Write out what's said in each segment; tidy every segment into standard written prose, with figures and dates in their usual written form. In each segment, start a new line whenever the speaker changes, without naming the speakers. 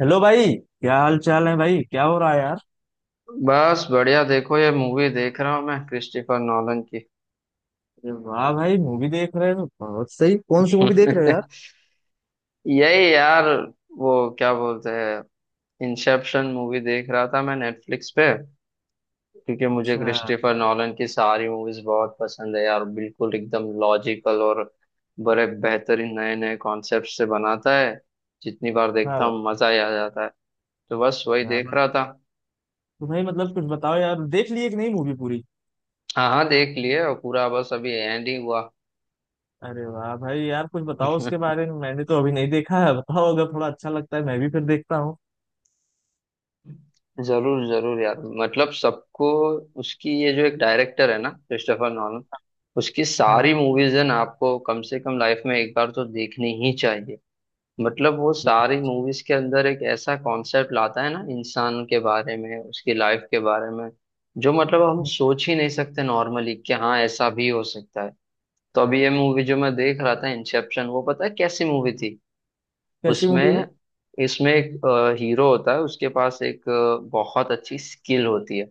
Hello भाई। क्या हाल चाल है भाई, क्या हो रहा है यार?
बस बढ़िया। देखो ये मूवी देख रहा हूँ मैं क्रिस्टोफर नॉलन की।
अरे वाह भाई, मूवी देख रहे हो, बहुत सही। कौन सी मूवी देख रहे हो यार?
यही यार, वो क्या बोलते हैं, इंसेप्शन मूवी देख रहा था मैं नेटफ्लिक्स पे। क्योंकि मुझे
अच्छा।
क्रिस्टोफर नॉलन की सारी मूवीज बहुत पसंद है यार, बिल्कुल एकदम लॉजिकल, और बड़े बेहतरीन नए नए कॉन्सेप्ट से बनाता है। जितनी बार
हाँ
देखता
भाई।
हूँ मजा ही आ जाता है। तो बस वही
क्या
देख
बात!
रहा था।
तो भाई मतलब कुछ बताओ यार, देख लिए कि नहीं मूवी पूरी?
हाँ हाँ, देख लिए, और पूरा बस अभी एंड ही हुआ।
अरे वाह भाई यार, कुछ बताओ उसके बारे में, मैंने तो अभी नहीं देखा है। बताओ, अगर थोड़ा अच्छा लगता है मैं भी फिर देखता हूँ।
जरूर जरूर यार, मतलब सबको उसकी, ये जो एक डायरेक्टर है ना क्रिस्टोफर नॉलन, उसकी
हाँ।
सारी मूवीज है ना, आपको कम से कम लाइफ में एक बार तो देखनी ही चाहिए। मतलब वो सारी मूवीज के अंदर एक ऐसा कॉन्सेप्ट लाता है ना इंसान के बारे में, उसकी लाइफ के बारे में, जो मतलब हम सोच ही नहीं सकते नॉर्मली, कि हाँ ऐसा भी हो सकता है। तो अभी ये मूवी जो मैं देख रहा था इंसेप्शन, वो पता है कैसी मूवी थी।
कैसी मूवी
उसमें
है?
इसमें एक हीरो होता है, उसके पास एक बहुत अच्छी स्किल होती है।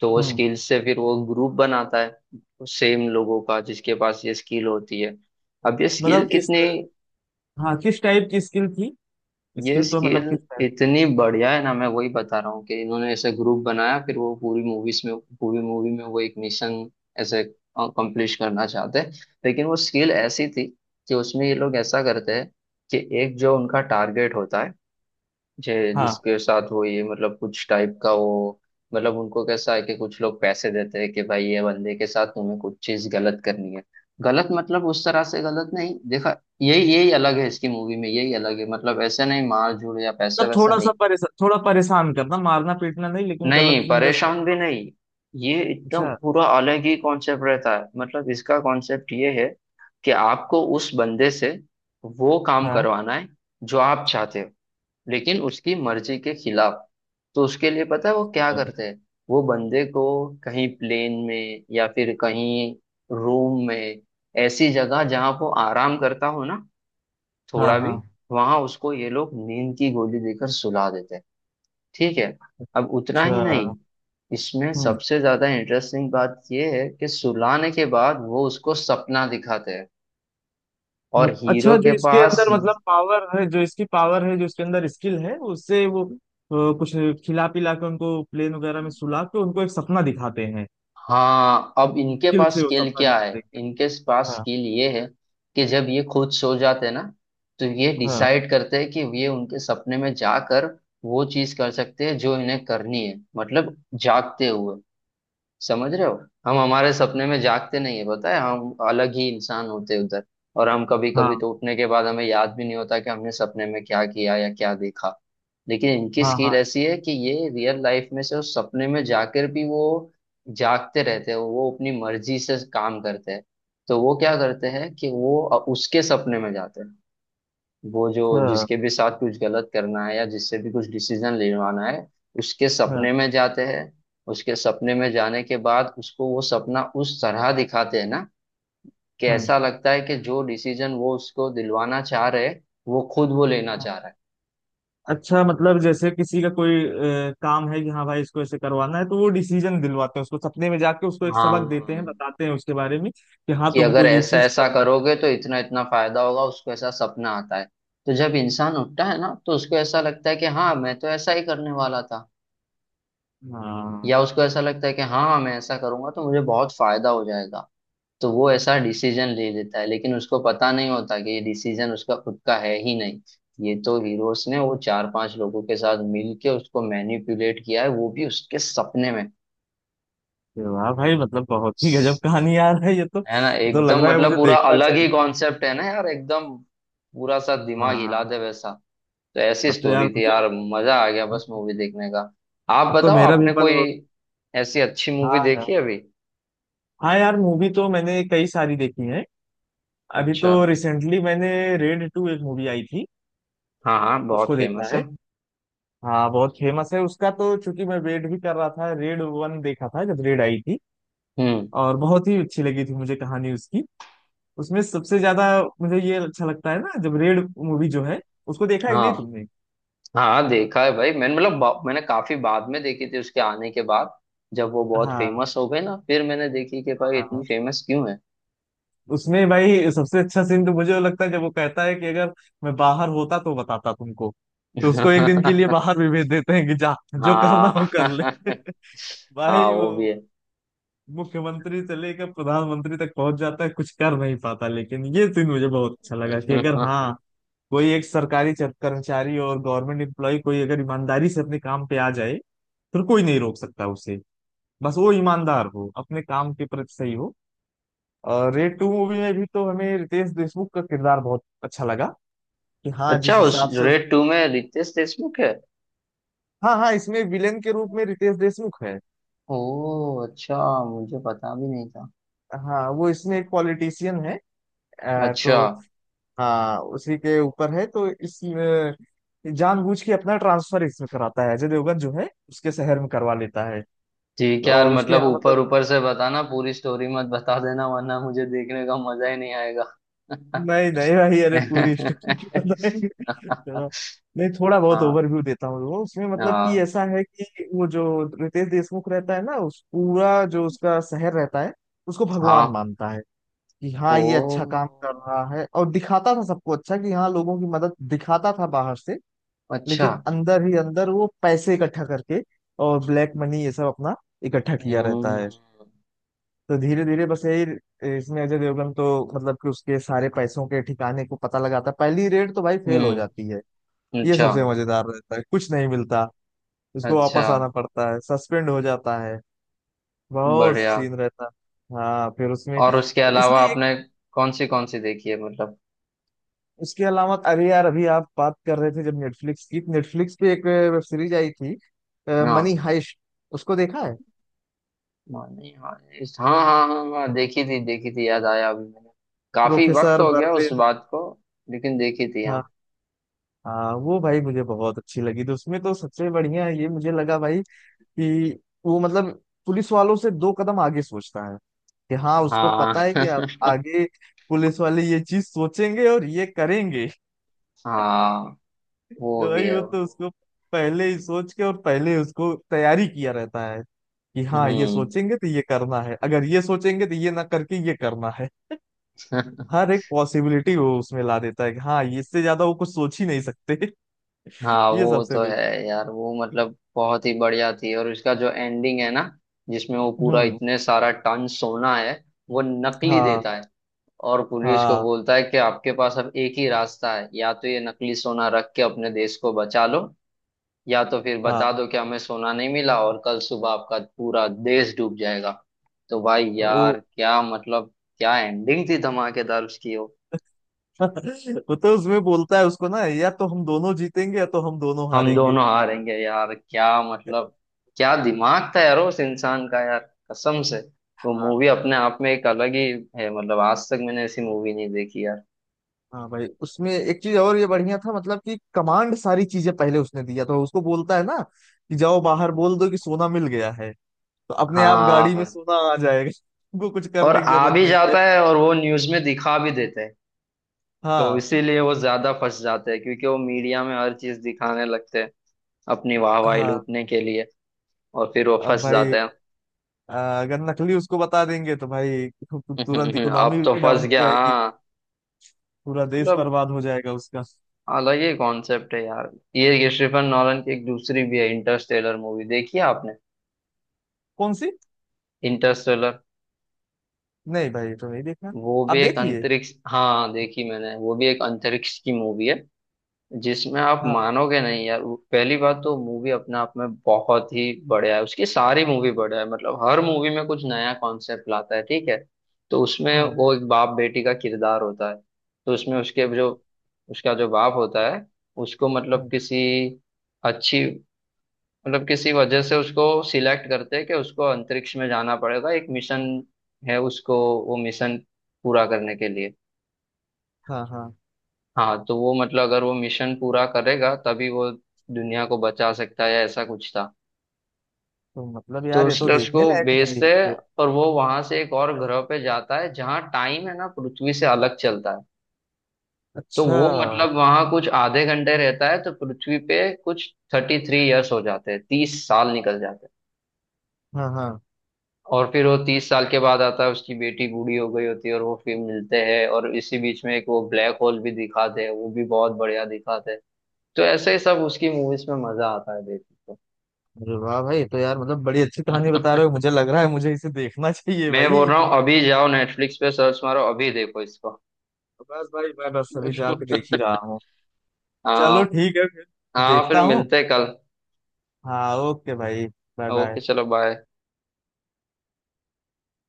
तो वो
हम्म।
स्किल से फिर वो ग्रुप बनाता है, सेम लोगों का जिसके पास ये स्किल होती है। अब ये स्किल
मतलब इस...
कितनी
हाँ, किस टाइप की स्किल थी?
ये
स्किल तो मतलब
स्किल
किस टाइप?
इतनी बढ़िया है ना, मैं वही बता रहा हूँ कि इन्होंने ऐसे ग्रुप बनाया। फिर वो पूरी मूवी में वो एक मिशन ऐसे कंप्लीट करना चाहते हैं। लेकिन वो स्किल ऐसी थी कि उसमें ये लोग ऐसा करते हैं कि एक जो उनका टारगेट होता है, जे
हाँ।
जिसके साथ वो ये, मतलब कुछ टाइप का वो, मतलब उनको कैसा है कि कुछ लोग पैसे देते हैं कि भाई ये बंदे के साथ तुम्हें कुछ चीज गलत करनी है। गलत मतलब उस तरह से गलत नहीं देखा, यही यही अलग है इसकी मूवी में, यही अलग है मतलब, ऐसे नहीं मार झूड़ या पैसे
मतलब
वैसे
थोड़ा सा
नहीं,
परेशान, थोड़ा परेशान करना, मारना पीटना नहीं लेकिन गलत
नहीं
इंदस।
परेशान भी नहीं। ये एकदम
अच्छा।
पूरा अलग ही कॉन्सेप्ट रहता है। मतलब इसका कॉन्सेप्ट ये है कि आपको उस बंदे से वो काम
हाँ
करवाना है जो आप चाहते हो, लेकिन उसकी मर्जी के खिलाफ। तो उसके लिए पता है वो क्या करते हैं, वो बंदे को कहीं प्लेन में, या फिर कहीं रूम में, ऐसी जगह जहां वो आराम करता हो ना
हाँ।
थोड़ा भी,
हाँ।
वहां उसको ये लोग नींद की गोली देकर सुला देते हैं। ठीक है। अब उतना ही नहीं,
अच्छा।
इसमें
हम्म।
सबसे ज्यादा इंटरेस्टिंग बात यह है कि सुलाने के बाद वो उसको सपना दिखाते हैं, और हीरो
अच्छा, जो
के
इसके
पास,
अंदर मतलब पावर है, जो इसकी पावर है, जो इसके अंदर स्किल है, उससे वो कुछ खिला पिला के उनको प्लेन वगैरह में सुला के उनको एक सपना दिखाते हैं।
हाँ अब इनके
स्किल
पास
से वो
स्किल
सपना
क्या
दिखा
है,
देंगे।
इनके पास
हाँ
स्किल ये है कि जब ये खुद सो जाते हैं ना तो ये
हाँ
डिसाइड करते हैं कि ये उनके सपने में जाकर वो चीज कर सकते हैं जो इन्हें करनी है, मतलब जागते हुए। समझ रहे हो, हम हमारे सपने में जागते नहीं है, पता है, हम अलग ही इंसान होते हैं उधर। और हम कभी कभी
हाँ
तो उठने के बाद हमें याद भी नहीं होता कि हमने सपने में क्या किया या क्या देखा। लेकिन इनकी
हाँ हाँ।
स्किल ऐसी है कि ये रियल लाइफ में से उस सपने में जाकर भी वो जागते रहते हैं, वो अपनी मर्जी से काम करते हैं। तो वो क्या करते हैं कि वो उसके सपने में जाते हैं, वो जो
अच्छा।
जिसके भी साथ कुछ गलत करना है या जिससे भी कुछ डिसीजन लेवाना है, उसके
हाँ
सपने में जाते हैं। उसके सपने में जाने के बाद उसको वो सपना उस तरह दिखाते हैं ना कि
हाँ
ऐसा लगता है कि जो डिसीजन वो उसको दिलवाना चाह रहे हैं, वो खुद वो लेना
हाँ।
चाह रहा है।
अच्छा, मतलब जैसे किसी का कोई काम है कि हाँ भाई इसको ऐसे करवाना है, तो वो डिसीजन दिलवाते हैं, उसको सपने में जाके उसको एक सबक देते
हाँ
हैं, बताते हैं उसके बारे में कि हाँ
कि
तुमको
अगर
ये
ऐसा
चीज
ऐसा
करना चाहिए।
करोगे तो इतना इतना फायदा होगा, उसको ऐसा सपना आता है। तो जब इंसान उठता है ना तो उसको ऐसा लगता है कि हाँ मैं तो ऐसा ही करने वाला था,
हाँ।
या उसको ऐसा लगता है कि हाँ मैं ऐसा करूंगा तो मुझे बहुत फायदा हो जाएगा। तो वो ऐसा डिसीजन ले लेता है, लेकिन उसको पता नहीं होता कि ये डिसीजन उसका खुद का है ही नहीं। ये तो हीरोस ने वो चार पांच लोगों के साथ मिल के उसको मैनिपुलेट किया है, वो भी उसके सपने में।
अरे वाह भाई, मतलब बहुत ही गजब कहानी यार है ये तो,
है ना,
ये तो लग
एकदम
रहा है
मतलब
मुझे
पूरा
देखना
अलग ही
चाहिए।
कॉन्सेप्ट है ना यार, एकदम पूरा सा दिमाग हिला
हाँ।
दे वैसा। तो ऐसी
अब तो यार
स्टोरी थी
मुझे...
यार, मजा आ गया बस मूवी देखने का। आप
अब तो
बताओ,
मेरा भी
आपने
मन
कोई
हो...
ऐसी अच्छी मूवी
हाँ
देखी
यार।
है अभी?
हाँ यार, मूवी तो मैंने कई सारी देखी है। अभी
अच्छा।
तो रिसेंटली मैंने... रेड टू एक मूवी आई थी,
हाँ हाँ, बहुत
उसको देखा
फेमस
है?
है।
हाँ, बहुत फेमस है उसका, तो चूंकि मैं वेट भी कर रहा था, रेड वन देखा था जब रेड आई थी,
हम्म।
और बहुत ही अच्छी लगी थी मुझे कहानी उसकी। उसमें सबसे ज्यादा मुझे ये अच्छा लगता है ना, जब रेड मूवी जो है, उसको देखा है कि नहीं
हाँ
तुमने?
हाँ देखा है भाई मैंने, मतलब मैंने काफी बाद में देखी थी उसके आने के बाद। जब वो बहुत
हाँ
फेमस हो गए ना, फिर मैंने देखी कि भाई
हाँ।
इतनी फेमस क्यों है।
उसमें भाई सबसे अच्छा सीन तो मुझे वो लगता है जब वो कहता है कि अगर मैं बाहर होता तो बताता तुमको। तो उसको एक दिन के लिए बाहर भी भेज देते हैं कि जा, जो करना
हाँ
हो कर ले।
हाँ
भाई
वो भी
वो
है।
मुख्यमंत्री से लेकर प्रधानमंत्री तक पहुंच जाता है, कुछ कर नहीं पाता। लेकिन ये सीन मुझे बहुत अच्छा लगा कि अगर हाँ कोई एक सरकारी कर्मचारी और गवर्नमेंट एम्प्लॉय कोई अगर ईमानदारी से अपने काम पे आ जाए, फिर कोई नहीं रोक सकता उसे। बस वो ईमानदार हो, अपने काम के प्रति सही हो। और रेड टू मूवी में भी तो हमें रितेश देशमुख का किरदार बहुत अच्छा लगा, कि हाँ
अच्छा,
जिस
उस
हिसाब से उस...
रेड टू में रितेश देशमुख है?
हाँ हाँ, इसमें विलेन के रूप में रितेश देशमुख है।
ओ अच्छा, मुझे पता भी नहीं था।
हाँ वो इसमें एक पॉलिटिशियन है।
अच्छा।
तो हाँ उसी के ऊपर है, तो इस जानबूझ के अपना ट्रांसफर इसमें कराता है, अजय देवगन जो है उसके शहर में करवा लेता है।
ठीक है यार,
और उसके
मतलब
यहाँ मतलब...
ऊपर ऊपर से बताना, पूरी स्टोरी मत बता देना वरना मुझे देखने का मजा ही नहीं आएगा।
नहीं नहीं भाई, अरे पूरी स्टोरी क्यों बताएंगे। चलो, नहीं थोड़ा बहुत
हाँ
ओवरव्यू देता हूँ। वो उसमें मतलब कि
हाँ
ऐसा है कि वो जो रितेश देशमुख रहता है ना, उस पूरा जो उसका शहर रहता है, उसको भगवान
हाँ।
मानता है कि हाँ
ओ
ये अच्छा काम कर रहा है। और दिखाता था सबको अच्छा कि हाँ लोगों की मदद, दिखाता था बाहर से।
अच्छा।
लेकिन अंदर ही अंदर वो पैसे इकट्ठा करके और ब्लैक मनी ये सब अपना इकट्ठा किया रहता है।
हम्म।
तो धीरे धीरे बस यही, इसमें अजय देवगन तो मतलब कि उसके सारे पैसों के ठिकाने को पता लगाता है। पहली रेड तो भाई फेल हो जाती
हम्म।
है, ये
अच्छा।
सबसे मजेदार रहता है, कुछ नहीं मिलता। उसको
अच्छा,
वापस आना पड़ता है, सस्पेंड हो जाता है। बहुत
बढ़िया।
सीन रहता है हाँ फिर उसमें।
और उसके
इसमें
अलावा
एक...
आपने कौन सी देखी है, मतलब?
उसके अलावा अरे यार, अभी आप बात कर रहे थे, जब नेटफ्लिक्स पे एक वेब सीरीज आई थी, मनी
हाँ,
हाइस्ट, उसको देखा है?
मानी, हाँ हाँ हाँ हाँ हाँ, देखी थी देखी थी, याद आया अभी मैंने, काफी वक्त
प्रोफेसर
हो गया उस
बर्लिन।
बात को, लेकिन देखी थी हाँ।
हाँ हाँ। वो भाई मुझे बहुत अच्छी लगी, तो उसमें तो सबसे बढ़िया ये मुझे लगा भाई कि वो मतलब पुलिस वालों से दो कदम आगे सोचता है। कि हाँ उसको
हाँ
पता है कि अब आगे पुलिस वाले ये चीज सोचेंगे और ये करेंगे,
हाँ
तो
वो भी
भाई
है
वो
वो।
तो उसको पहले ही सोच के, और पहले उसको तैयारी किया रहता है कि हाँ ये
हम्म
सोचेंगे तो ये करना है, अगर ये सोचेंगे तो ये ना करके ये करना है। हर एक पॉसिबिलिटी वो उसमें ला देता है कि हाँ ये इससे ज्यादा वो कुछ सोच ही नहीं सकते।
हाँ,
ये
वो
सबसे
तो
बेस्ट।
है। यार वो मतलब बहुत ही बढ़िया थी, और इसका जो एंडिंग है ना, जिसमें वो पूरा
हम्म।
इतने सारा टन सोना है वो नकली
हाँ
देता है, और पुलिस को
हाँ
बोलता है कि आपके पास अब एक ही रास्ता है, या तो ये नकली सोना रख के अपने देश को बचा लो, या तो फिर
हाँ
बता दो कि हमें सोना नहीं मिला और कल सुबह आपका पूरा देश डूब जाएगा। तो भाई
वो...
यार क्या मतलब, क्या एंडिंग थी धमाकेदार उसकी।
वो तो उसमें बोलता है उसको ना, या तो हम दोनों जीतेंगे या तो हम दोनों
हम
हारेंगे।
दोनों हारेंगे यार, क्या मतलब, क्या दिमाग था यार उस इंसान का यार, कसम से। वो
हाँ।
मूवी अपने आप में एक अलग ही है, मतलब आज तक मैंने ऐसी मूवी नहीं देखी यार।
हाँ भाई, उसमें एक चीज और ये बढ़िया था, मतलब कि कमांड सारी चीजें पहले उसने दिया तो उसको बोलता है ना कि जाओ बाहर बोल दो कि सोना मिल गया है। तो अपने आप गाड़ी में
हाँ,
सोना आ जाएगा, तुमको कुछ
और
करने की
आ
जरूरत
भी
नहीं है।
जाता है, और वो न्यूज में दिखा भी देते हैं। तो
हाँ
इसीलिए वो ज्यादा फंस जाते हैं क्योंकि वो मीडिया में हर चीज दिखाने लगते हैं अपनी वाहवाही
हाँ।
लूटने के लिए, और फिर वो
अब
फंस
भाई
जाते हैं।
अगर नकली उसको बता देंगे, तो भाई तु- तु- तुरंत
अब
इकोनॉमी
तो फंस
डाउन हो
गया
जाएगी,
हाँ।
पूरा देश
मतलब
बर्बाद हो जाएगा उसका।
अलग ही कॉन्सेप्ट है यार। ये क्रिस्टोफर नॉलन की एक दूसरी भी है इंटरस्टेलर, मूवी देखी है आपने?
कौन सी?
इंटरस्टेलर,
नहीं भाई तो नहीं देखा।
वो भी
आप
एक
देख लिए?
अंतरिक्ष, हाँ देखी मैंने, वो भी एक अंतरिक्ष की मूवी है, जिसमें आप
हाँ।
मानोगे नहीं यार। पहली बात तो मूवी अपने आप में बहुत ही बढ़िया है, उसकी सारी मूवी बढ़िया है, मतलब हर मूवी में कुछ नया कॉन्सेप्ट लाता है, ठीक है। तो उसमें
हम्म।
वो एक बाप बेटी का किरदार होता है। तो उसमें उसके जो, उसका जो बाप होता है, उसको मतलब
हम्म,
किसी अच्छी, मतलब किसी वजह से उसको सिलेक्ट करते हैं कि उसको अंतरिक्ष में जाना पड़ेगा, एक मिशन है उसको, वो मिशन पूरा करने के लिए।
हाँ हाँ।
हाँ, तो वो मतलब अगर वो मिशन पूरा करेगा तभी वो दुनिया को बचा सकता है, ऐसा कुछ था।
तो मतलब
तो
यार ये तो
उसने उसको
देखने लायक मूवी
भेजते
है
हैं,
फिर।
और वो वहां से एक और ग्रह पे जाता है जहाँ टाइम है ना पृथ्वी से अलग चलता है। तो
अच्छा।
वो मतलब वहां कुछ आधे घंटे रहता है तो पृथ्वी पे कुछ 33 ईयर्स हो जाते हैं, 30 साल निकल जाते हैं।
हाँ हाँ।
और फिर वो 30 साल के बाद आता है, उसकी बेटी बूढ़ी हो गई होती है, और वो फिर मिलते हैं, और इसी बीच में एक वो ब्लैक होल भी दिखाते हैं, वो भी बहुत बढ़िया दिखाते हैं। तो ऐसे ही सब उसकी मूवीज में मजा आता है देखने
अरे वाह भाई, तो यार मतलब बड़ी अच्छी कहानी बता रहे हो,
को।
मुझे लग रहा है मुझे इसे देखना चाहिए
मैं बोल
भाई।
रहा हूँ अभी जाओ नेटफ्लिक्स पे सर्च मारो, अभी देखो इसको।
तो बस भाई मैं बस अभी जाके देख ही रहा हूँ।
हाँ।
चलो ठीक है फिर
हाँ
देखता
फिर
हूँ।
मिलते हैं कल।
हाँ ओके भाई। Bye bye.
ओके चलो, बाय।